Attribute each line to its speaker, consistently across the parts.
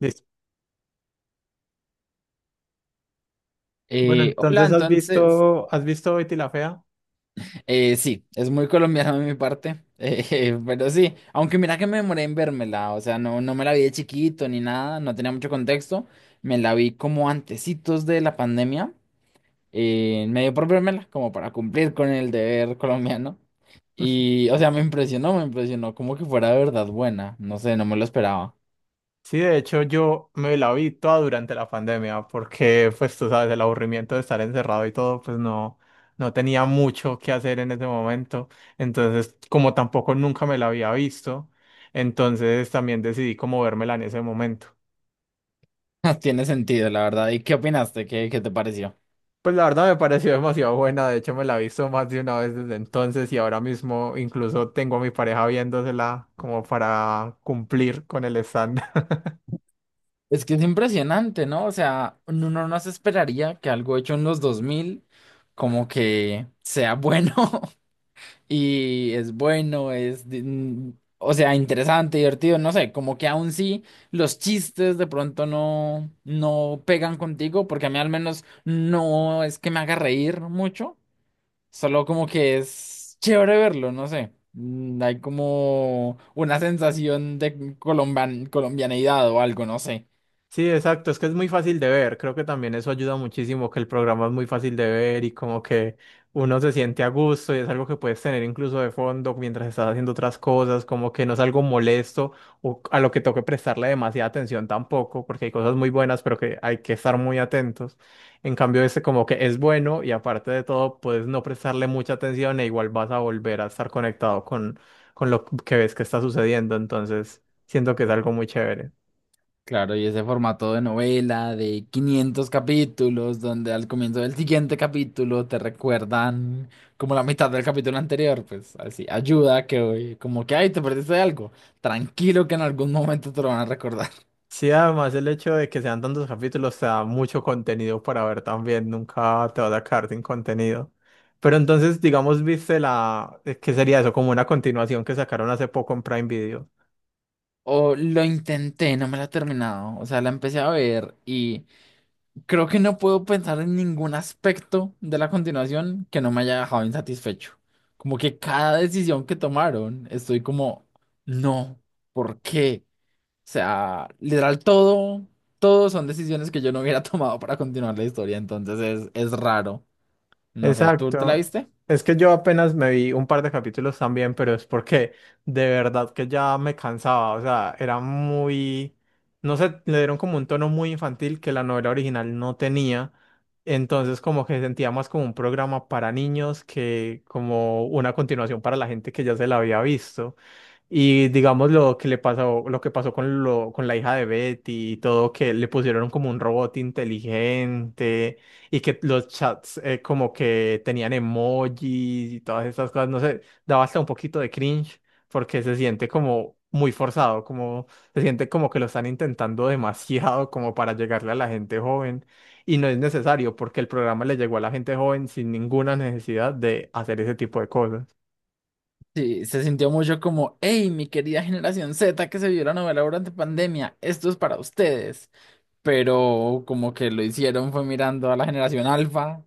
Speaker 1: Listo. Bueno,
Speaker 2: Hola,
Speaker 1: entonces
Speaker 2: entonces,
Speaker 1: ¿has visto Betty la Fea?
Speaker 2: sí, es muy colombiano de mi parte, pero sí, aunque mira que me demoré en vérmela, o sea, no, no me la vi de chiquito ni nada, no tenía mucho contexto. Me la vi como antecitos de la pandemia, me dio por vérmela, como para cumplir con el deber colombiano, y, o sea, me impresionó como que fuera de verdad buena, no sé, no me lo esperaba.
Speaker 1: Sí, de hecho yo me la vi toda durante la pandemia porque pues tú sabes, el aburrimiento de estar encerrado y todo, pues no, no tenía mucho que hacer en ese momento. Entonces, como tampoco nunca me la había visto, entonces también decidí como vérmela en ese momento.
Speaker 2: Tiene sentido, la verdad, ¿y qué opinaste? ¿Qué te pareció?
Speaker 1: Pues la verdad me pareció demasiado buena, de hecho me la he visto más de una vez desde entonces y ahora mismo incluso tengo a mi pareja viéndosela como para cumplir con el estándar.
Speaker 2: Es que es impresionante, ¿no? O sea, uno no se esperaría que algo hecho en los 2000 como que sea bueno. Y es bueno, o sea, interesante, divertido, no sé, como que aún sí los chistes de pronto no, no pegan contigo, porque a mí al menos no es que me haga reír mucho, solo como que es chévere verlo, no sé. Hay como una sensación de colombianidad o algo, no sé.
Speaker 1: Sí, exacto, es que es muy fácil de ver, creo que también eso ayuda muchísimo, que el programa es muy fácil de ver y como que uno se siente a gusto y es algo que puedes tener incluso de fondo mientras estás haciendo otras cosas, como que no es algo molesto o a lo que toque prestarle demasiada atención tampoco, porque hay cosas muy buenas, pero que hay que estar muy atentos. En cambio, este como que es bueno y aparte de todo, puedes no prestarle mucha atención e igual vas a volver a estar conectado con lo que ves que está sucediendo, entonces siento que es algo muy chévere.
Speaker 2: Claro, y ese formato de novela de 500 capítulos, donde al comienzo del siguiente capítulo te recuerdan como la mitad del capítulo anterior, pues así, ayuda que hoy, como que, ay, te perdiste de algo, tranquilo que en algún momento te lo van a recordar.
Speaker 1: Sí, además el hecho de que sean tantos capítulos te da mucho contenido para ver también, nunca te vas a quedar sin contenido. Pero entonces, digamos, viste ¿qué sería eso? Como una continuación que sacaron hace poco en Prime Video.
Speaker 2: O lo intenté, no me la he terminado, o sea, la empecé a ver y creo que no puedo pensar en ningún aspecto de la continuación que no me haya dejado insatisfecho. Como que cada decisión que tomaron, estoy como, no, ¿por qué? Sea, literal todo, todo son decisiones que yo no hubiera tomado para continuar la historia, entonces es raro. No sé, ¿tú te la
Speaker 1: Exacto.
Speaker 2: viste?
Speaker 1: Es que yo apenas me vi un par de capítulos también, pero es porque de verdad que ya me cansaba. O sea, era muy, no sé, le dieron como un tono muy infantil que la novela original no tenía. Entonces como que sentía más como un programa para niños que como una continuación para la gente que ya se la había visto. Y digamos lo que le pasó, lo que pasó con con la hija de Betty y todo, que le pusieron como un robot inteligente y que los chats como que tenían emojis y todas estas cosas, no sé, daba hasta un poquito de cringe porque se siente como muy forzado, como se siente como que lo están intentando demasiado como para llegarle a la gente joven y no es necesario porque el programa le llegó a la gente joven sin ninguna necesidad de hacer ese tipo de cosas.
Speaker 2: Sí, se sintió mucho como, hey, mi querida generación Z que se vio la novela durante pandemia, esto es para ustedes. Pero como que lo hicieron fue mirando a la generación alfa,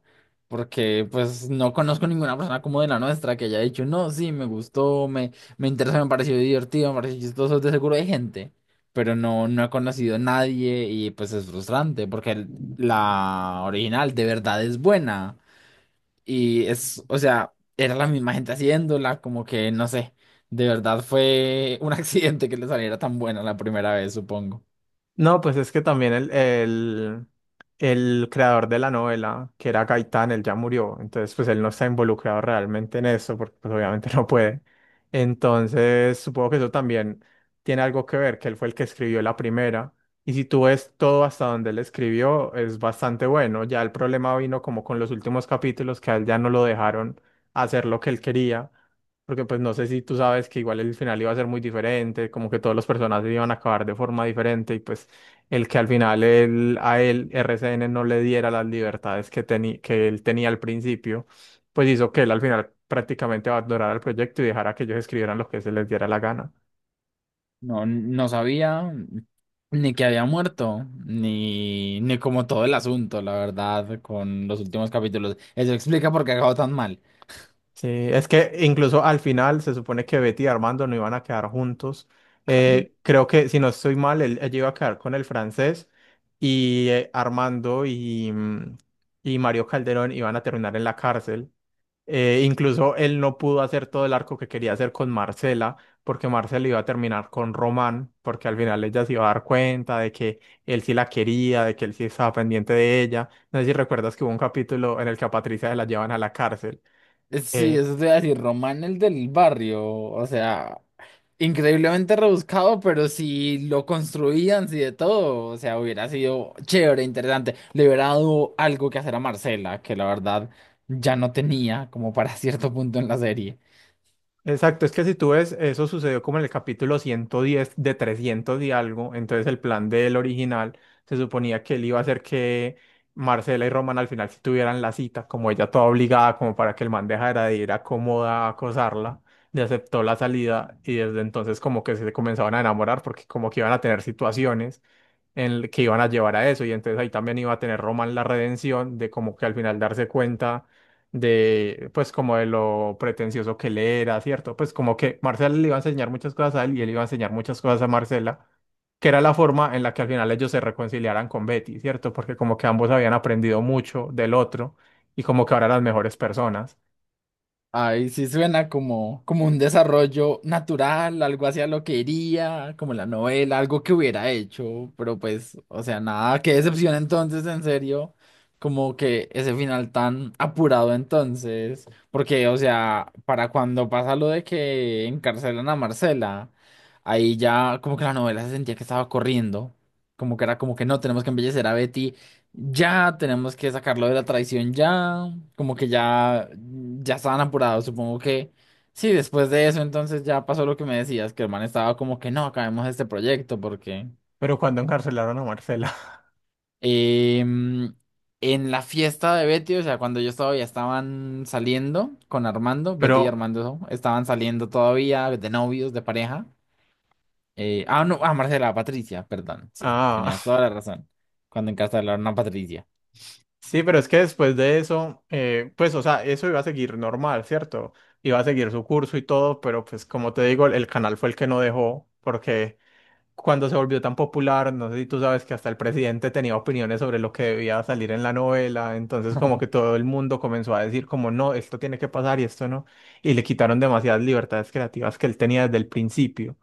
Speaker 2: porque pues no conozco ninguna persona como de la nuestra que haya dicho, no, sí, me gustó, me interesó, me pareció divertido, me pareció chistoso, de seguro hay gente, pero no, no he conocido a nadie y pues es frustrante, porque la original de verdad es buena y es, o sea, era la misma gente haciéndola, como que no sé. De verdad fue un accidente que le saliera tan buena la primera vez, supongo.
Speaker 1: No, pues es que también el creador de la novela, que era Gaitán, él ya murió, entonces pues él no está involucrado realmente en eso, porque pues obviamente no puede. Entonces supongo que eso también tiene algo que ver, que él fue el que escribió la primera, y si tú ves todo hasta donde él escribió, es bastante bueno, ya el problema vino como con los últimos capítulos, que a él ya no lo dejaron hacer lo que él quería. Porque pues no sé si tú sabes que igual el final iba a ser muy diferente, como que todos los personajes iban a acabar de forma diferente y pues el que al final él, a él RCN no le diera las libertades que, que él tenía al principio, pues hizo que él al final prácticamente abandonara el proyecto y dejara que ellos escribieran lo que se les diera la gana.
Speaker 2: No, no sabía ni que había muerto, ni como todo el asunto, la verdad, con los últimos capítulos. Eso explica por qué acabó tan mal.
Speaker 1: Sí, es que incluso al final se supone que Betty y Armando no iban a quedar juntos.
Speaker 2: Ay.
Speaker 1: Creo que, si no estoy mal, él, ella iba a quedar con el francés y Armando y Mario Calderón iban a terminar en la cárcel. Incluso él no pudo hacer todo el arco que quería hacer con Marcela, porque Marcela iba a terminar con Román, porque al final ella se iba a dar cuenta de que él sí la quería, de que él sí estaba pendiente de ella. No sé si recuerdas que hubo un capítulo en el que a Patricia se la llevan a la cárcel.
Speaker 2: Sí,
Speaker 1: eh,
Speaker 2: eso te iba a decir, Román el del barrio, o sea, increíblemente rebuscado, pero si lo construían, si de todo, o sea, hubiera sido chévere, interesante. Le hubiera dado algo que hacer a Marcela, que la verdad ya no tenía como para cierto punto en la serie.
Speaker 1: Exacto, es que si tú ves, eso sucedió como en el capítulo 110 de 300 y algo, entonces el plan del original se suponía que él iba a hacer que Marcela y Roman al final sí tuvieran la cita, como ella toda obligada, como para que el man dejara de ir a cómoda a acosarla, le aceptó la salida y desde entonces como que se comenzaban a enamorar porque como que iban a tener situaciones en el que iban a llevar a eso. Y entonces ahí también iba a tener Roman la redención de como que al final darse cuenta de, pues como de lo pretencioso que él era, ¿cierto? Pues como que Marcela le iba a enseñar muchas cosas a él y él iba a enseñar muchas cosas a Marcela, que era la forma en la que al final ellos se reconciliaran con Betty, ¿cierto? Porque como que ambos habían aprendido mucho del otro y como que ahora eran las mejores personas.
Speaker 2: Ay, sí suena como, como un desarrollo natural, algo hacia lo que iría, como la novela, algo que hubiera hecho, pero pues, o sea, nada, qué decepción entonces, en serio, como que ese final tan apurado entonces, porque, o sea, para cuando pasa lo de que encarcelan a Marcela, ahí ya como que la novela se sentía que estaba corriendo, como que era como que no, tenemos que embellecer a Betty, ya tenemos que sacarlo de la traición ya, como que ya, ya estaban apurados, supongo que sí, después de eso entonces ya pasó lo que me decías, que el man estaba como que no, acabemos este proyecto porque
Speaker 1: Pero cuando encarcelaron a Marcela.
Speaker 2: em, en la fiesta de Betty, o sea, cuando yo estaba ya estaban saliendo con Armando, Betty y
Speaker 1: Pero,
Speaker 2: Armando estaban saliendo todavía de novios, de pareja. Ah, no, ah, Marcela, Patricia, perdón, sí, tenías
Speaker 1: ah,
Speaker 2: toda la razón, cuando encarcelaron a Patricia.
Speaker 1: Sí, pero es que después de eso, pues, o sea, eso iba a seguir normal, ¿cierto? Iba a seguir su curso y todo, pero pues como te digo, el canal fue el que no dejó, porque cuando se volvió tan popular, no sé si tú sabes que hasta el presidente tenía opiniones sobre lo que debía salir en la novela, entonces como que todo el mundo comenzó a decir como, no, esto tiene que pasar y esto no, y le quitaron demasiadas libertades creativas que él tenía desde el principio.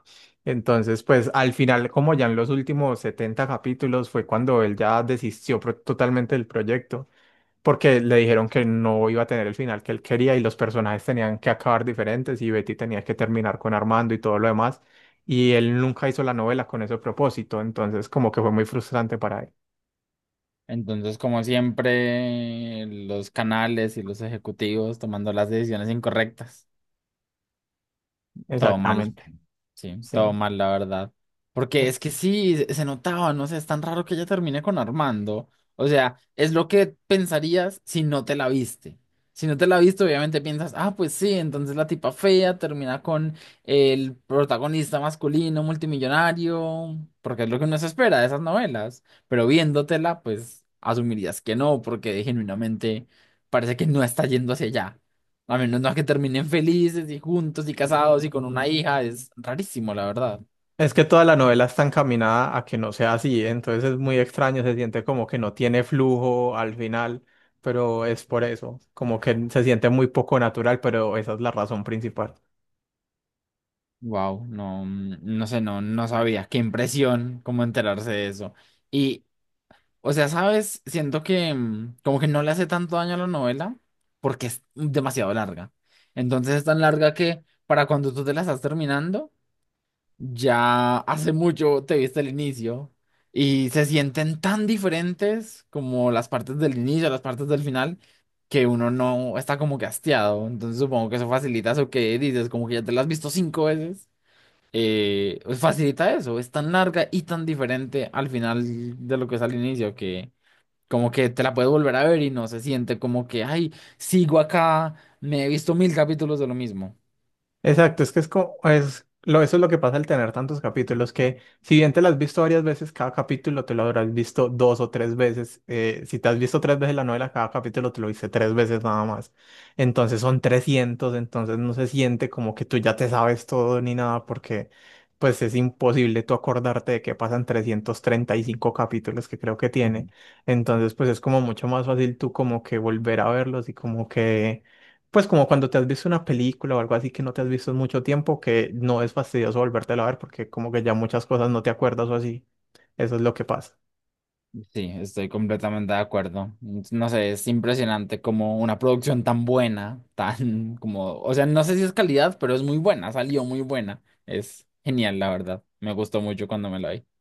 Speaker 1: Entonces, pues al final, como ya en los últimos 70 capítulos, fue cuando él ya desistió totalmente del proyecto porque le dijeron que no iba a tener el final que él quería y los personajes tenían que acabar diferentes y Betty tenía que terminar con Armando y todo lo demás. Y él nunca hizo la novela con ese propósito, entonces como que fue muy frustrante para él.
Speaker 2: Entonces, como siempre, los canales y los ejecutivos tomando las decisiones incorrectas, todo mal.
Speaker 1: Exactamente,
Speaker 2: Sí,
Speaker 1: sí.
Speaker 2: todo mal, la verdad. Porque
Speaker 1: Pero
Speaker 2: es que sí, se notaba, no sé, es tan raro que ella termine con Armando. O sea, es lo que pensarías si no te la viste. Si no te la viste, obviamente piensas, ah, pues sí, entonces la tipa fea termina con el protagonista masculino multimillonario, porque es lo que uno se espera de esas novelas. Pero viéndotela, pues asumirías que no, porque genuinamente parece que no está yendo hacia allá. A menos no que terminen felices y juntos y casados y con una hija, es rarísimo, la verdad.
Speaker 1: es que toda la novela está encaminada a que no sea así, entonces es muy extraño, se siente como que no tiene flujo al final, pero es por eso, como que se siente muy poco natural, pero esa es la razón principal.
Speaker 2: Wow, no, no sé, no, no sabía. Qué impresión, cómo enterarse de eso. Y, o sea, ¿sabes? Siento que como que no le hace tanto daño a la novela porque es demasiado larga. Entonces es tan larga que para cuando tú te la estás terminando, ya hace mucho te viste el inicio y se sienten tan diferentes como las partes del inicio, las partes del final, que uno no está como que hastiado. Entonces supongo que eso facilita eso que dices, como que ya te lo has visto cinco veces. Pues facilita eso, es tan larga y tan diferente al final de lo que es al inicio que como que te la puedes volver a ver y no se siente como que, ay, sigo acá, me he visto 1000 capítulos de lo mismo.
Speaker 1: Exacto, es que es como, es, lo, eso es lo que pasa al tener tantos capítulos, que si bien te lo has visto varias veces, cada capítulo te lo habrás visto dos o tres veces. Si te has visto tres veces la novela, cada capítulo te lo viste tres veces nada más. Entonces son 300, entonces no se siente como que tú ya te sabes todo ni nada, porque pues es imposible tú acordarte de que pasan 335 capítulos que creo que tiene. Entonces pues es como mucho más fácil tú como que volver a verlos y como que pues como cuando te has visto una película o algo así que no te has visto en mucho tiempo, que no es fastidioso volvértela a ver porque como que ya muchas cosas no te acuerdas o así. Eso es lo que pasa.
Speaker 2: Sí, estoy completamente de acuerdo. No sé, es impresionante como una producción tan buena, tan como, o sea, no sé si es calidad, pero es muy buena, salió muy buena. Es genial, la verdad. Me gustó mucho cuando me la vi.